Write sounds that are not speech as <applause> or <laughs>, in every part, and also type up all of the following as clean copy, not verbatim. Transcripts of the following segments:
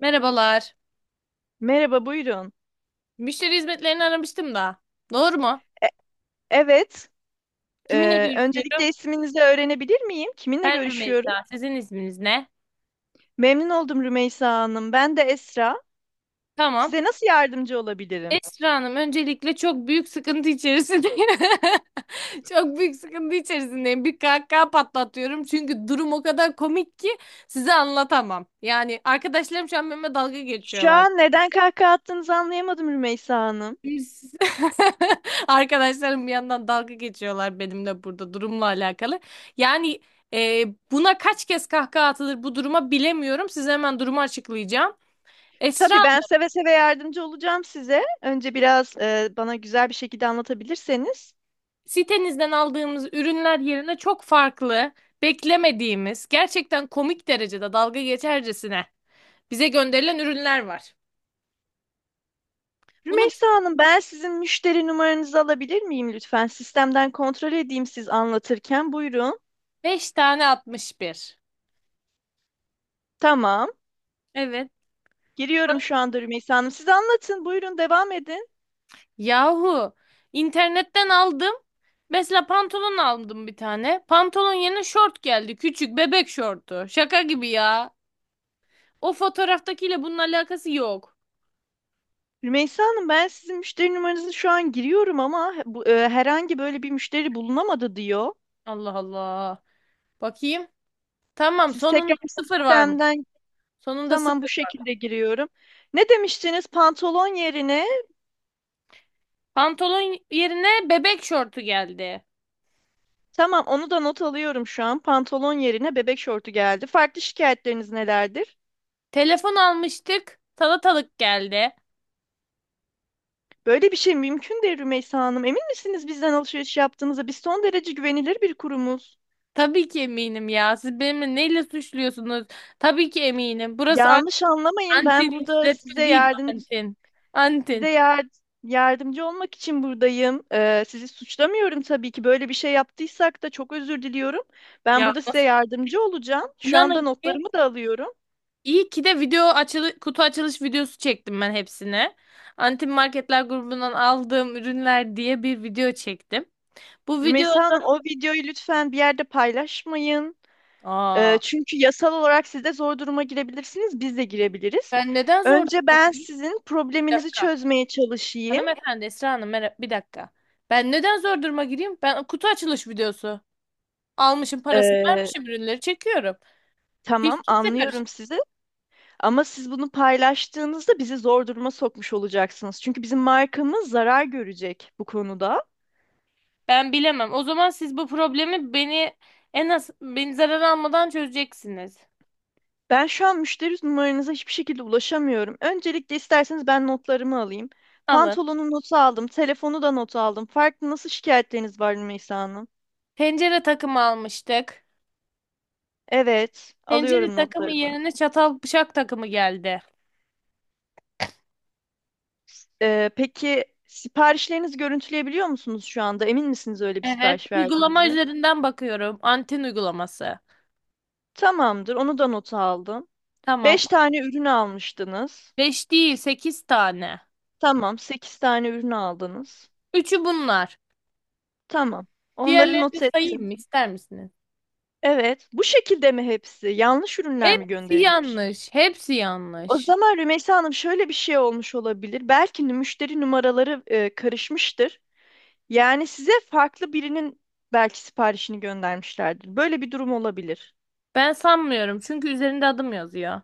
Merhabalar. Merhaba, buyurun. Müşteri hizmetlerini aramıştım da. Doğru mu? E- evet, Kiminle görüşüyorum? öncelikle isminizi öğrenebilir miyim? Kiminle Ben görüşüyorum? Rümeysa. Sizin isminiz ne? Memnun oldum Rümeysa Hanım. Ben de Esra. Tamam. Size nasıl yardımcı olabilirim? Esra Hanım öncelikle çok büyük sıkıntı içerisindeyim. <laughs> Çok büyük sıkıntı içerisindeyim. Bir kahkaha patlatıyorum. Çünkü durum o kadar komik ki size anlatamam. Yani arkadaşlarım şu an benimle dalga Şu geçiyorlar. an neden kahkaha attığınızı anlayamadım Rümeysa Hanım. Biz <laughs> arkadaşlarım bir yandan dalga geçiyorlar benimle burada durumla alakalı. Yani e, buna kaç kez kahkaha atılır bu duruma bilemiyorum. Size hemen durumu açıklayacağım. Esra Tabii ben seve seve yardımcı olacağım size. Önce biraz bana güzel bir şekilde anlatabilirseniz. Sitenizden aldığımız ürünler yerine çok farklı, beklemediğimiz, gerçekten komik derecede dalga geçercesine bize gönderilen ürünler var. Bunu Rümeysa bize Hanım, ben sizin müşteri numaranızı alabilir miyim lütfen? Sistemden kontrol edeyim siz anlatırken. Buyurun. 5 tane atmış bir. Tamam. Evet. Giriyorum şu anda Rümeysa Hanım. Siz anlatın, buyurun devam edin. Yahu internetten aldım. Mesela pantolon aldım bir tane. Pantolon yerine şort geldi. Küçük bebek şortu. Şaka gibi ya. O fotoğraftakiyle bunun alakası yok. Rümeysa Hanım, ben sizin müşteri numaranızı şu an giriyorum ama herhangi böyle bir müşteri bulunamadı diyor. Allah Allah. Bakayım. Tamam, Siz tekrar sonunda sıfır var mı? sistemden. Sonunda Tamam, sıfır. bu şekilde giriyorum. Ne demiştiniz? Pantolon yerine. Pantolon yerine bebek şortu geldi. Tamam, onu da not alıyorum şu an. Pantolon yerine bebek şortu geldi. Farklı şikayetleriniz nelerdir? Telefon almıştık. Salatalık geldi. Böyle bir şey mümkün değil Rümeysa Hanım. Emin misiniz bizden alışveriş yaptığınıza? Biz son derece güvenilir bir kurumuz. Tabii ki eminim ya. Siz benimle neyle suçluyorsunuz? Tabii ki eminim. Burası Yanlış anlamayın. Antin Ben burada işletme size değil, yardım Antin. Size Antin. yar- yardımcı olmak için buradayım. Sizi suçlamıyorum tabii ki. Böyle bir şey yaptıysak da çok özür diliyorum. Ben Ya burada size nasıl? yardımcı olacağım. Şu anda İnanın ki notlarımı da alıyorum. iyi ki de video açılı, kutu açılış videosu çektim ben hepsine. Antin Marketler grubundan aldığım ürünler diye bir video çektim. Bu Rümeysa Hanım, videoda. o videoyu lütfen bir yerde paylaşmayın. Aa, Çünkü yasal olarak siz de zor duruma girebilirsiniz, biz de girebiliriz. ben neden zor Önce duruma ben gireyim? sizin Bir probleminizi dakika. çözmeye çalışayım. Hanımefendi Esra Hanım merhaba, bir dakika. Ben neden zor duruma gireyim? Ben kutu açılış videosu almışım, parasını Ee, vermişim, ürünleri çekiyorum. Hiç tamam, kimse karış. anlıyorum sizi. Ama siz bunu paylaştığınızda bizi zor duruma sokmuş olacaksınız. Çünkü bizim markamız zarar görecek bu konuda. Ben bilemem. O zaman siz bu problemi beni, en az beni zarar almadan çözeceksiniz. Ben şu an müşteri numaranıza hiçbir şekilde ulaşamıyorum. Öncelikle isterseniz ben notlarımı alayım. Alın. Pantolonun notu aldım, telefonu da not aldım. Farklı nasıl şikayetleriniz var Rümeysa Hanım? Tencere takımı almıştık. Evet, Tencere alıyorum takımı notlarımı. yerine çatal bıçak takımı geldi. Peki siparişlerinizi görüntüleyebiliyor musunuz şu anda? Emin misiniz öyle bir Evet. sipariş Uygulama verdiğinize? üzerinden bakıyorum. Anten uygulaması. Tamamdır, onu da nota aldım. Tamam. Beş tane ürün almıştınız. 5 değil, 8 tane. Tamam, 8 tane ürün aldınız. Üçü bunlar. Tamam. Onları Diğerlerini de not sayayım ettim. mı? İster misiniz? Evet. Bu şekilde mi hepsi? Yanlış ürünler mi Hepsi gönderilmiş? yanlış. Hepsi O yanlış. zaman Rümeysa Hanım şöyle bir şey olmuş olabilir. Belki de müşteri numaraları karışmıştır. Yani size farklı birinin belki siparişini göndermişlerdir. Böyle bir durum olabilir. Ben sanmıyorum. Çünkü üzerinde adım yazıyor.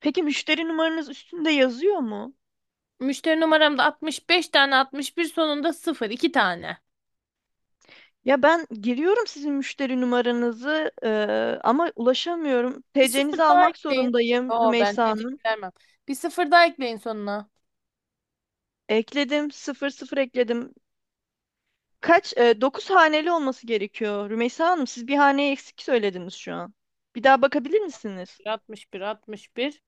Peki müşteri numaranız üstünde yazıyor mu? Müşteri numaram da 65 tane 61, sonunda 0 2 tane. Ya ben giriyorum sizin müşteri numaranızı ama ulaşamıyorum. Bir sıfır TC'nizi daha almak ekleyin. zorundayım Yo, ben Rümeysa TC Hanım. vermem. Bir sıfır daha ekleyin sonuna. Ekledim. Sıfır sıfır ekledim. Kaç? Dokuz haneli olması gerekiyor. Rümeysa Hanım siz bir haneyi eksik söylediniz şu an. Bir daha bakabilir misiniz? 61 61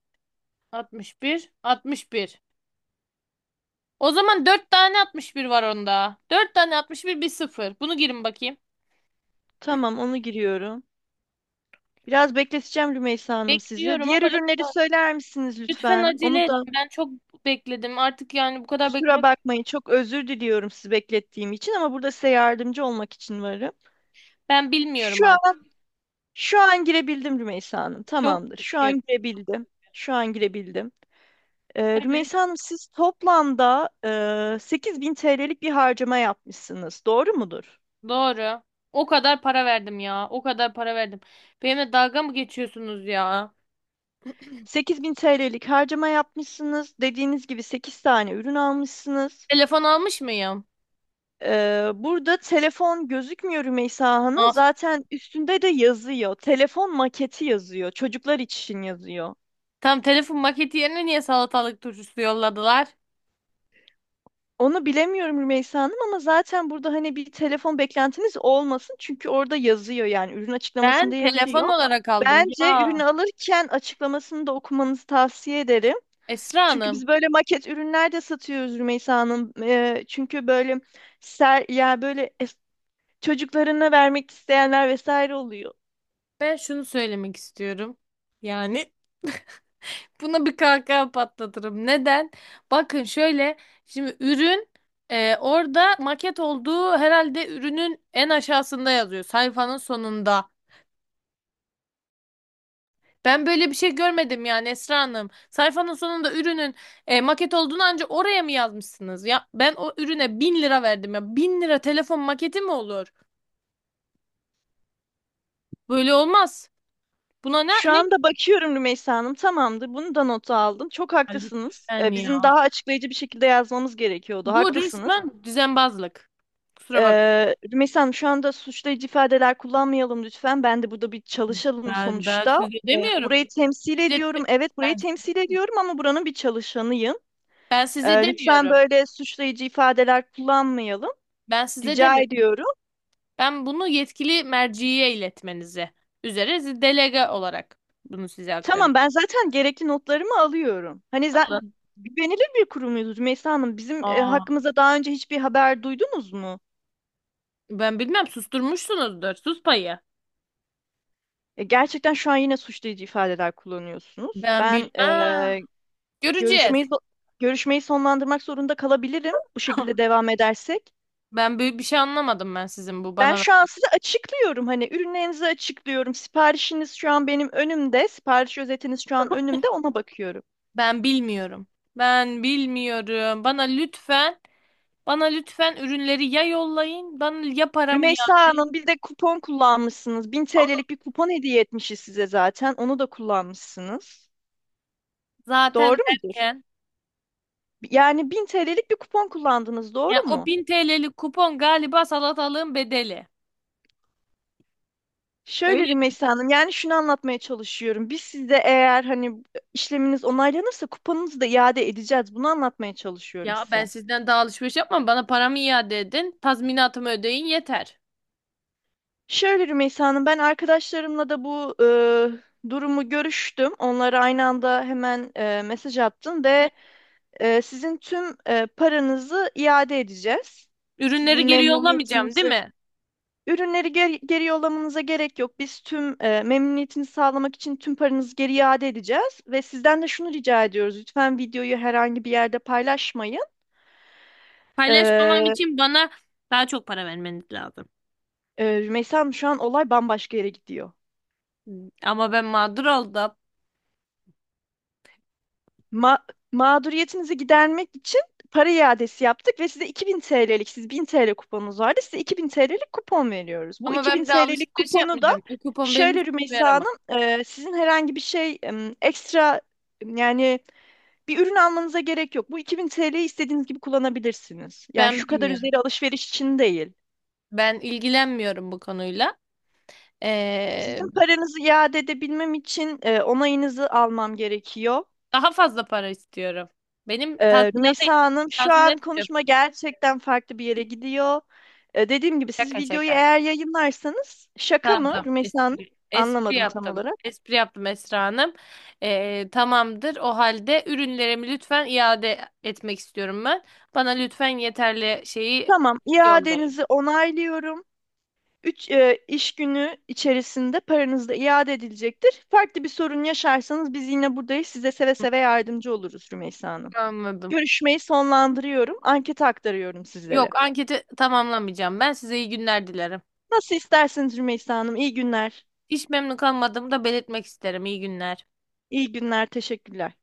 61 61. O zaman 4 tane 61 var onda. 4 tane 61 bir bir sıfır. Bunu girin bakayım. Tamam onu giriyorum. Biraz bekleteceğim Rümeysa Hanım sizi. Bekliyorum, ama Diğer ürünleri lütfen, söyler misiniz lütfen lütfen? acele Onu edin. da Ben çok bekledim. Artık yani bu kadar kusura beklemek, bakmayın. Çok özür diliyorum sizi beklettiğim için ama burada size yardımcı olmak için varım. ben bilmiyorum Şu an, artık. şu an girebildim Rümeysa Hanım. Çok Tamamdır. Şu yüküyorum. an girebildim. Şu an girebildim. Evet. Rümeysa Hanım siz toplamda 8000 TL'lik bir harcama yapmışsınız. Doğru mudur? Doğru. O kadar para verdim ya. O kadar para verdim. Benimle dalga mı geçiyorsunuz ya? 8000 TL'lik harcama yapmışsınız. Dediğiniz gibi 8 tane ürün almışsınız. Telefon almış mıyım? Burada telefon gözükmüyor Rümeysa Hanım. As. Zaten üstünde de yazıyor. Telefon maketi yazıyor. Çocuklar için yazıyor. Tam telefon maketi yerine niye salatalık turşusu yolladılar? Onu bilemiyorum Rümeysa Hanım ama zaten burada hani bir telefon beklentiniz olmasın. Çünkü orada yazıyor yani ürün Ben açıklamasında telefon yazıyor. olarak aldım Bence ya. ürünü alırken açıklamasını da okumanızı tavsiye ederim. Esra Çünkü Hanım, biz böyle maket ürünler de satıyoruz Rümeysa Hanım. Çünkü böyle ser, ya böyle es- çocuklarına vermek isteyenler vesaire oluyor. ben şunu söylemek istiyorum. Yani buna bir kahkaha patlatırım. Neden? Bakın şöyle, şimdi ürün orada maket olduğu herhalde ürünün en aşağısında yazıyor. Sayfanın sonunda. Ben böyle bir şey görmedim yani Esra Hanım. Sayfanın sonunda ürünün maket olduğunu ancak oraya mı yazmışsınız? Ya ben o ürüne 1000 lira verdim ya. Bin lira telefon maketi mi olur? Böyle olmaz. Buna ne Şu ne anda bakıyorum Rümeysa Hanım. Tamamdır. Bunu da nota aldım. Çok güzel haklısınız. yani ya. Bizim daha açıklayıcı bir şekilde yazmamız gerekiyordu. Bu Haklısınız. resmen düzenbazlık. Kusura bak Rümeysa Hanım şu anda suçlayıcı ifadeler kullanmayalım lütfen. Ben de burada bir çalışalım Ben sonuçta. size demiyorum. Burayı temsil İşletme- ediyorum. Evet burayı Ben, temsil ediyorum ama buranın bir çalışanıyım. ben size Lütfen demiyorum. böyle suçlayıcı ifadeler kullanmayalım. Ben size Rica demiyorum. ediyorum. Ben bunu yetkili merciye iletmenizi üzere siz delege olarak bunu size Tamam aktarıyorum. ben zaten gerekli notlarımı alıyorum. Alın. Güvenilir bir kurumuyuz Rümeysa Hanım. Bizim Aa. hakkımızda daha önce hiçbir haber duydunuz mu? Ben bilmem, susturmuşsunuzdur. Sus payı. Gerçekten şu an yine suçlayıcı ifadeler kullanıyorsunuz. Ben Ben bilmem. e, Göreceğiz. Görüşmeyi zo- görüşmeyi sonlandırmak zorunda kalabilirim bu şekilde <laughs> devam edersek. Ben büyük bir şey anlamadım ben sizin bu Ben bana. şu an size açıklıyorum hani ürünlerinizi açıklıyorum. Siparişiniz şu an benim önümde. Sipariş özetiniz şu an önümde ona bakıyorum. Ben bilmiyorum. Ben bilmiyorum. Bana lütfen ürünleri ya yollayın bana ya paramı Rümeysa iade. Hanım bir de kupon kullanmışsınız. 1000 TL'lik bir kupon hediye etmişiz size zaten. Onu da kullanmışsınız. Zaten Doğru mudur? derken Yani 1000 TL'lik bir kupon kullandınız, yani doğru o mu? 1000 TL'lik kupon galiba salatalığın bedeli. Öyle Şöyle mi? Rümeysa Hanım, yani şunu anlatmaya çalışıyorum. Biz sizde eğer hani işleminiz onaylanırsa kupanızı da iade edeceğiz. Bunu anlatmaya çalışıyorum Ya ben size. sizden daha alışveriş yapmam. Bana paramı iade edin. Tazminatımı ödeyin yeter. Şöyle Rümeysa Hanım, ben arkadaşlarımla da bu durumu görüştüm. Onlara aynı anda hemen mesaj attım Hı. ve sizin tüm paranızı iade edeceğiz. Sizin Ürünleri geri yollamayacağım, memnuniyetinizi değil mi? Ürünleri geri yollamanıza gerek yok. Biz tüm memnuniyetini sağlamak için tüm paranızı geri iade edeceğiz. Ve sizden de şunu rica ediyoruz. Lütfen videoyu herhangi bir yerde paylaşmayın. Paylaşmamam Ee, için bana daha çok para vermeniz lazım. Rümeysa Hanım şu an olay bambaşka yere gidiyor. Ama ben mağdur oldum. Ma- mağduriyetinizi gidermek için para iadesi yaptık ve size 2000 TL'lik, siz 1000 TL kuponunuz vardı. Size 2000 TL'lik kupon veriyoruz. Bu Ama ben 2000 bir de TL'lik alışveriş kuponu da yapmayacağım. O kupon benim şöyle hiçbir Rümeysa yaramaz. Hanım, sizin herhangi bir şey ekstra... Yani bir ürün almanıza gerek yok. Bu 2000 TL'yi istediğiniz gibi kullanabilirsiniz. Yani Ben şu kadar bilmiyorum. üzeri alışveriş için değil. Ben ilgilenmiyorum bu konuyla. Ee, Sizin paranızı iade edebilmem için onayınızı almam gerekiyor. daha fazla para istiyorum. Benim tazminata, Rümeysa Hanım şu an tazminat istiyorum. konuşma gerçekten farklı bir yere gidiyor. Dediğim gibi siz Şaka videoyu şaka. eğer yayınlarsanız şaka Tamam mı tamam. Rümeysa Hanım? Espri, espri Anlamadım tam yaptım. olarak. Espri yaptım Esra Hanım. Tamamdır. O halde ürünlerimi lütfen iade etmek istiyorum ben. Bana lütfen yeterli şeyi Tamam, yollayın. iadenizi onaylıyorum. 3 iş günü içerisinde paranız da iade edilecektir. Farklı bir sorun yaşarsanız biz yine buradayız. Size seve Hı. seve yardımcı oluruz Rümeysa Hanım. Anladım. Görüşmeyi sonlandırıyorum. Anketi aktarıyorum sizlere. Yok, anketi tamamlamayacağım. Ben size iyi günler dilerim. Nasıl isterseniz Rümeysa Hanım. İyi günler. Hiç memnun kalmadığımı da belirtmek isterim. İyi günler. İyi günler. Teşekkürler.